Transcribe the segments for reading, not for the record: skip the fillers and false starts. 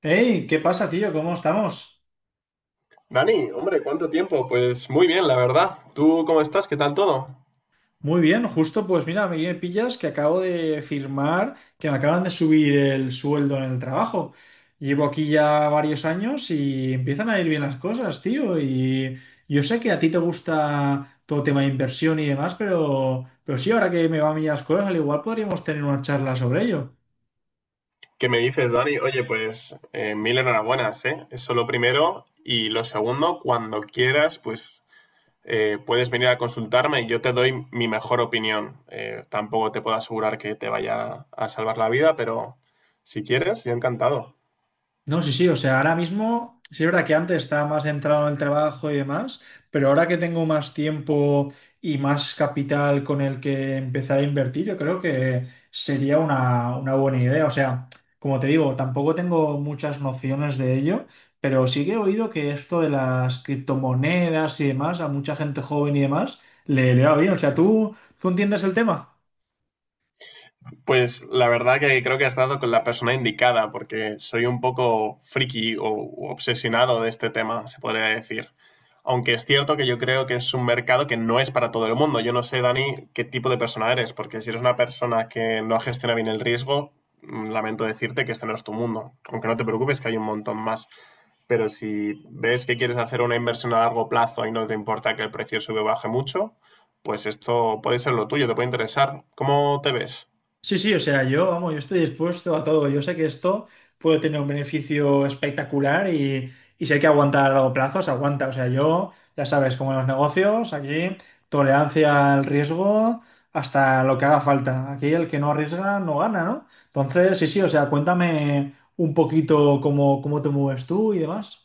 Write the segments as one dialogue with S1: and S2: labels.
S1: Hey, ¿qué pasa, tío? ¿Cómo estamos?
S2: Dani, hombre, ¿cuánto tiempo? Pues muy bien, la verdad. ¿Tú cómo estás? ¿Qué tal todo?
S1: Muy bien, justo pues mira, me pillas que acabo de firmar, que me acaban de subir el sueldo en el trabajo. Llevo aquí ya varios años y empiezan a ir bien las cosas, tío. Y yo sé que a ti te gusta todo tema de inversión y demás, pero sí, ahora que me van bien las cosas, al igual podríamos tener una charla sobre ello.
S2: ¿Qué me dices, Dani? Oye, pues mil enhorabuenas, ¿eh? Eso lo primero. Y lo segundo, cuando quieras, pues puedes venir a consultarme y yo te doy mi mejor opinión. Tampoco te puedo asegurar que te vaya a salvar la vida, pero si quieres, yo encantado.
S1: No, sí, sí, o sea, ahora mismo, sí es verdad que antes estaba más centrado en el trabajo y demás, pero ahora que tengo más tiempo y más capital con el que empezar a invertir, yo creo que sería una buena idea. O sea, como te digo, tampoco tengo muchas nociones de ello, pero sí que he oído que esto de las criptomonedas y demás, a mucha gente joven y demás, le va bien. O sea, ¿tú entiendes el tema?
S2: Pues la verdad que creo que has dado con la persona indicada, porque soy un poco friki o obsesionado de este tema, se podría decir. Aunque es cierto que yo creo que es un mercado que no es para todo el mundo. Yo no sé, Dani, qué tipo de persona eres, porque si eres una persona que no gestiona bien el riesgo, lamento decirte que este no es tu mundo. Aunque no te preocupes, que hay un montón más. Pero si ves que quieres hacer una inversión a largo plazo y no te importa que el precio sube o baje mucho, pues esto puede ser lo tuyo, te puede interesar. ¿Cómo te ves?
S1: Sí, sí, o sea, yo, vamos, yo estoy dispuesto a todo. Yo sé que esto puede tener un beneficio espectacular y si hay que aguantar a largo plazo, se aguanta. O sea, yo, ya sabes, como en los negocios, aquí tolerancia al riesgo hasta lo que haga falta. Aquí el que no arriesga no gana, ¿no? Entonces, sí, sí, o sea, cuéntame un poquito cómo te mueves tú y demás.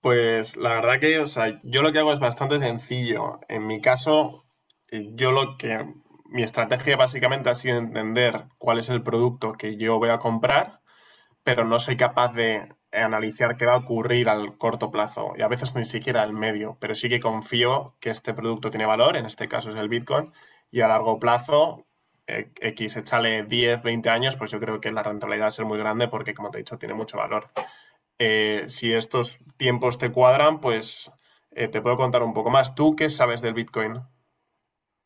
S2: Pues la verdad que, o sea, yo lo que hago es bastante sencillo. En mi caso, yo lo que... Mi estrategia básicamente ha sido entender cuál es el producto que yo voy a comprar, pero no soy capaz de analizar qué va a ocurrir al corto plazo y a veces ni siquiera al medio, pero sí que confío que este producto tiene valor, en este caso es el Bitcoin, y a largo plazo, X, échale 10, 20 años, pues yo creo que la rentabilidad va a ser muy grande porque, como te he dicho, tiene mucho valor. Si estos tiempos te cuadran, pues te puedo contar un poco más. ¿Tú qué sabes del Bitcoin?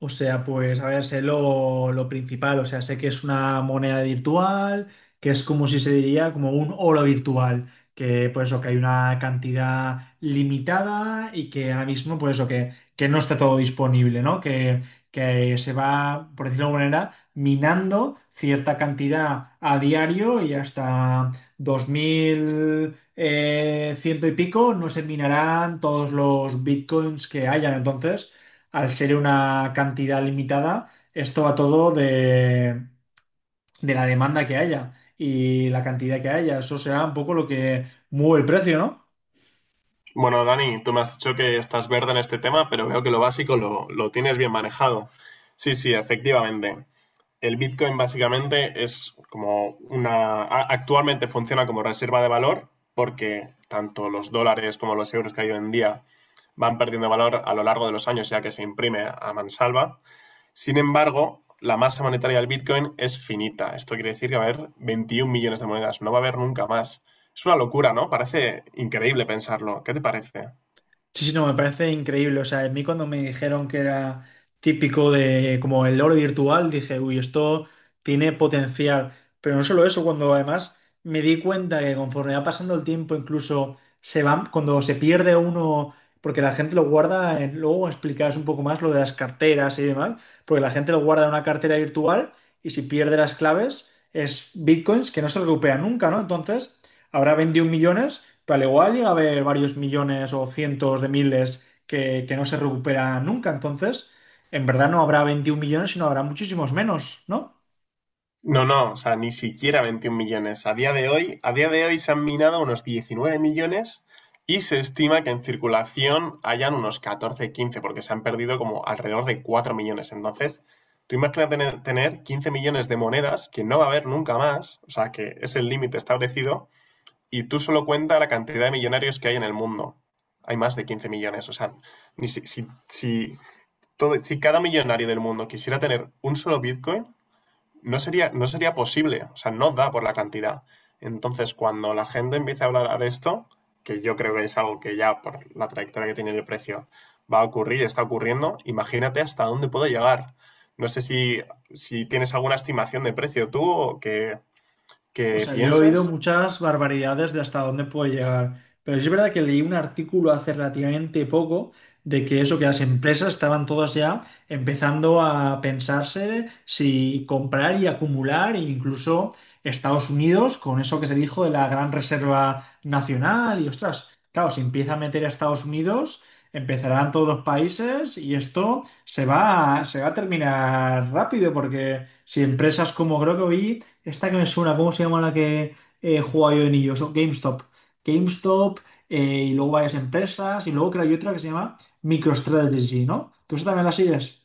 S1: O sea, pues a ver, sé lo principal, o sea, sé que es una moneda virtual, que es como si se diría como un oro virtual, que pues eso, que hay una cantidad limitada y que ahora mismo pues eso, que no está todo disponible, ¿no? Que se va, por decirlo de alguna manera, minando cierta cantidad a diario y hasta 2000 ciento y pico no se minarán todos los bitcoins que hayan. Entonces al ser una cantidad limitada, esto va todo de la demanda que haya y la cantidad que haya. Eso será un poco lo que mueve el precio, ¿no?
S2: Bueno, Dani, tú me has dicho que estás verde en este tema, pero veo que lo básico lo tienes bien manejado. Sí, sí, efectivamente. El Bitcoin básicamente es como una... Actualmente funciona como reserva de valor porque tanto los dólares como los euros que hay hoy en día van perdiendo valor a lo largo de los años ya que se imprime a mansalva. Sin embargo, la masa monetaria del Bitcoin es finita. Esto quiere decir que va a haber 21 millones de monedas. No va a haber nunca más. Es una locura, ¿no? Parece increíble pensarlo. ¿Qué te parece?
S1: Sí, sí, no, me parece increíble. O sea, a mí cuando me dijeron que era típico de como el oro virtual, dije, uy, esto tiene potencial. Pero no solo eso, cuando además me di cuenta que conforme va pasando el tiempo, incluso se van, cuando se pierde uno, porque la gente lo guarda, luego explicarás un poco más lo de las carteras y demás, porque la gente lo guarda en una cartera virtual y si pierde las claves es bitcoins que no se recupera nunca, ¿no? Entonces, habrá 21 millones pero al igual llega a haber varios millones o cientos de miles que no se recuperan nunca. Entonces, en verdad no habrá 21 millones, sino habrá muchísimos menos, ¿no?
S2: No, no, o sea, ni siquiera 21 millones. A día de hoy, a día de hoy se han minado unos 19 millones y se estima que en circulación hayan unos 14, 15, porque se han perdido como alrededor de 4 millones. Entonces, tú imaginas tener 15 millones de monedas que no va a haber nunca más, o sea, que es el límite establecido. Y tú solo cuenta la cantidad de millonarios que hay en el mundo. Hay más de 15 millones. O sea, ni si todo, si cada millonario del mundo quisiera tener un solo Bitcoin, no sería posible. O sea, no da por la cantidad. Entonces, cuando la gente empiece a hablar de esto, que yo creo que es algo que ya por la trayectoria que tiene el precio va a ocurrir, está ocurriendo, imagínate hasta dónde puede llegar. No sé si tienes alguna estimación de precio tú
S1: O
S2: que
S1: sea, yo he oído
S2: pienses.
S1: muchas barbaridades de hasta dónde puede llegar, pero sí es verdad que leí un artículo hace relativamente poco de que eso, que las empresas estaban todas ya empezando a pensarse si comprar y acumular, e incluso Estados Unidos, con eso que se dijo de la Gran Reserva Nacional, y ostras, claro, si empieza a meter a Estados Unidos, empezarán todos los países y esto se va, se va a terminar rápido, porque si empresas como creo que oí esta que me suena, ¿cómo se llama la que jugaba yo de niño? Son GameStop. GameStop eh, y luego varias empresas y luego creo que hay otra que se llama MicroStrategy, ¿no? ¿Tú esa también la sigues?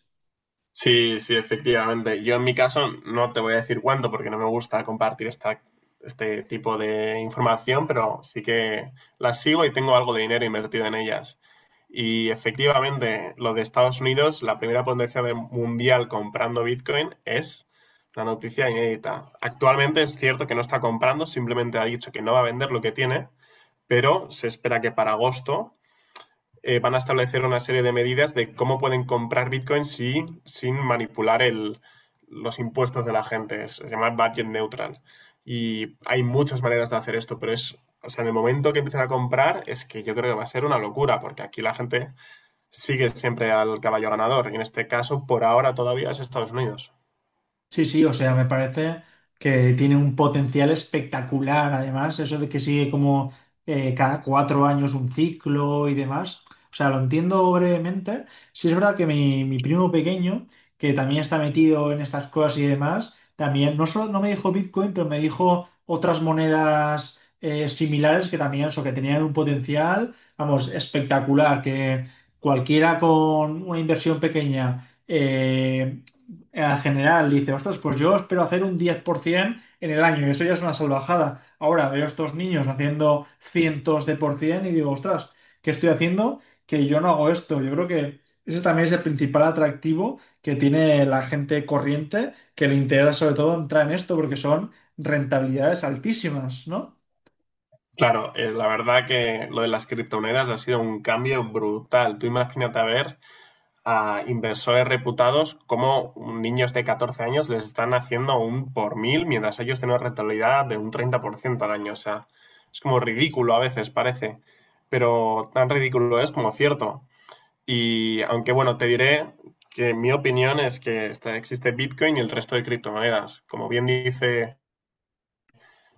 S2: Sí, sí, efectivamente. Yo en mi caso no te voy a decir cuándo porque no me gusta compartir este tipo de información, pero sí que las sigo y tengo algo de dinero invertido en ellas. Y efectivamente, lo de Estados Unidos, la primera potencia mundial comprando Bitcoin es una noticia inédita. Actualmente es cierto que no está comprando, simplemente ha dicho que no va a vender lo que tiene, pero se espera que para agosto van a establecer una serie de medidas de cómo pueden comprar Bitcoin sin manipular los impuestos de la gente. Se llama budget neutral. Y hay muchas maneras de hacer esto, pero es, o sea, en el momento que empiezan a comprar, es que yo creo que va a ser una locura, porque aquí la gente sigue siempre al caballo ganador. Y en este caso, por ahora todavía es Estados Unidos.
S1: Sí, sí, o sea, me parece que tiene un potencial espectacular, además, eso de que sigue como cada 4 años un ciclo y demás. O sea, lo entiendo brevemente. Sí es verdad que mi primo pequeño, que también está metido en estas cosas y demás, también no solo no me dijo Bitcoin, pero me dijo otras monedas similares que también, eso, que tenían un potencial, vamos, espectacular, que cualquiera con una inversión pequeña a general dice, ostras, pues yo espero hacer un 10% en el año, y eso ya es una salvajada. Ahora veo a estos niños haciendo cientos de por ciento y digo, ostras, ¿qué estoy haciendo? Que yo no hago esto. Yo creo que ese también es el principal atractivo que tiene la gente corriente, que le interesa sobre todo entrar en esto porque son rentabilidades altísimas, ¿no?
S2: Claro, la verdad que lo de las criptomonedas ha sido un cambio brutal. Tú imagínate a ver a inversores reputados como niños de 14 años les están haciendo un por mil mientras ellos tienen una rentabilidad de un 30% al año. O sea, es como ridículo a veces, parece, pero tan ridículo es como cierto. Y aunque bueno, te diré que mi opinión es que existe Bitcoin y el resto de criptomonedas. Como bien dice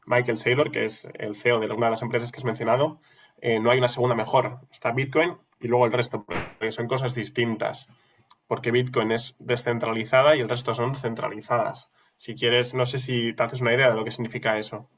S2: Michael Saylor, que es el CEO de una de las empresas que has mencionado, no hay una segunda mejor. Está Bitcoin y luego el resto, porque son cosas distintas. Porque Bitcoin es descentralizada y el resto son centralizadas. Si quieres, no sé si te haces una idea de lo que significa eso.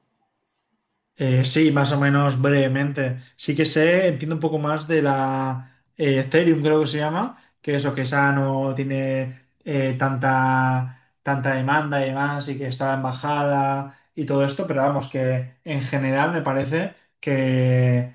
S1: Sí, más o menos brevemente. Sí que sé, entiendo un poco más de la Ethereum, creo que se llama, que eso, que esa no tiene eh, tanta demanda y demás, y que está en bajada y todo esto, pero vamos, que en general me parece que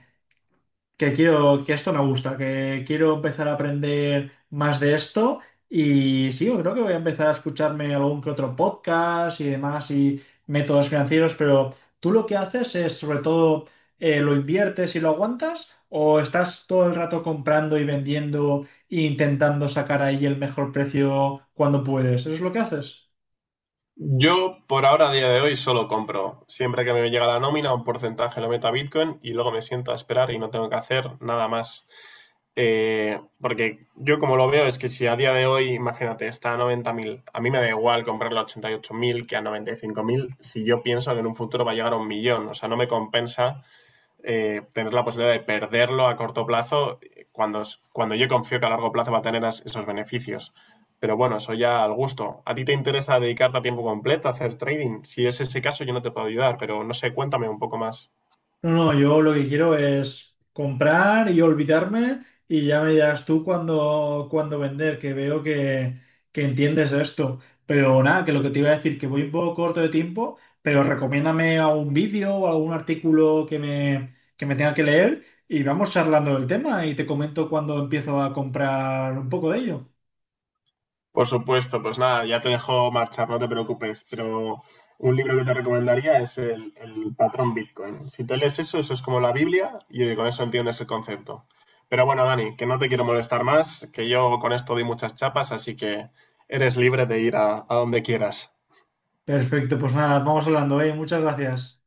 S1: que esto me gusta, que quiero empezar a aprender más de esto y sí, yo creo que voy a empezar a escucharme algún que otro podcast y demás y métodos financieros, pero tú lo que haces es sobre todo lo inviertes y lo aguantas o estás todo el rato comprando y vendiendo e intentando sacar ahí el mejor precio cuando puedes. ¿Eso es lo que haces?
S2: Yo, por ahora, a día de hoy, solo compro. Siempre que me llega la nómina, un porcentaje lo meto a Bitcoin y luego me siento a esperar y no tengo que hacer nada más. Porque yo como lo veo es que si a día de hoy, imagínate, está a 90.000, a mí me da igual comprarlo a 88.000 que a 95.000 si yo pienso que en un futuro va a llegar a un millón. O sea, no me compensa tener la posibilidad de perderlo a corto plazo cuando, cuando yo confío que a largo plazo va a tener esos beneficios. Pero bueno, eso ya al gusto. ¿A ti te interesa dedicarte a tiempo completo, a hacer trading? Si es ese caso, yo no te puedo ayudar, pero no sé, cuéntame un poco más.
S1: No, no, yo lo que quiero es comprar y olvidarme y ya me dirás tú cuándo vender, que veo que entiendes esto. Pero nada, que lo que te iba a decir, que voy un poco corto de tiempo, pero recomiéndame algún vídeo o algún artículo que me tenga que leer y vamos charlando del tema y te comento cuando empiezo a comprar un poco de ello.
S2: Por supuesto, pues nada, ya te dejo marchar, no te preocupes, pero un libro que te recomendaría es el patrón Bitcoin. Si te lees eso, eso es como la Biblia y con eso entiendes el concepto. Pero bueno, Dani, que no te quiero molestar más, que yo con esto doy muchas chapas, así que eres libre de ir a donde quieras.
S1: Perfecto, pues nada, vamos hablando, ¿eh? Muchas gracias.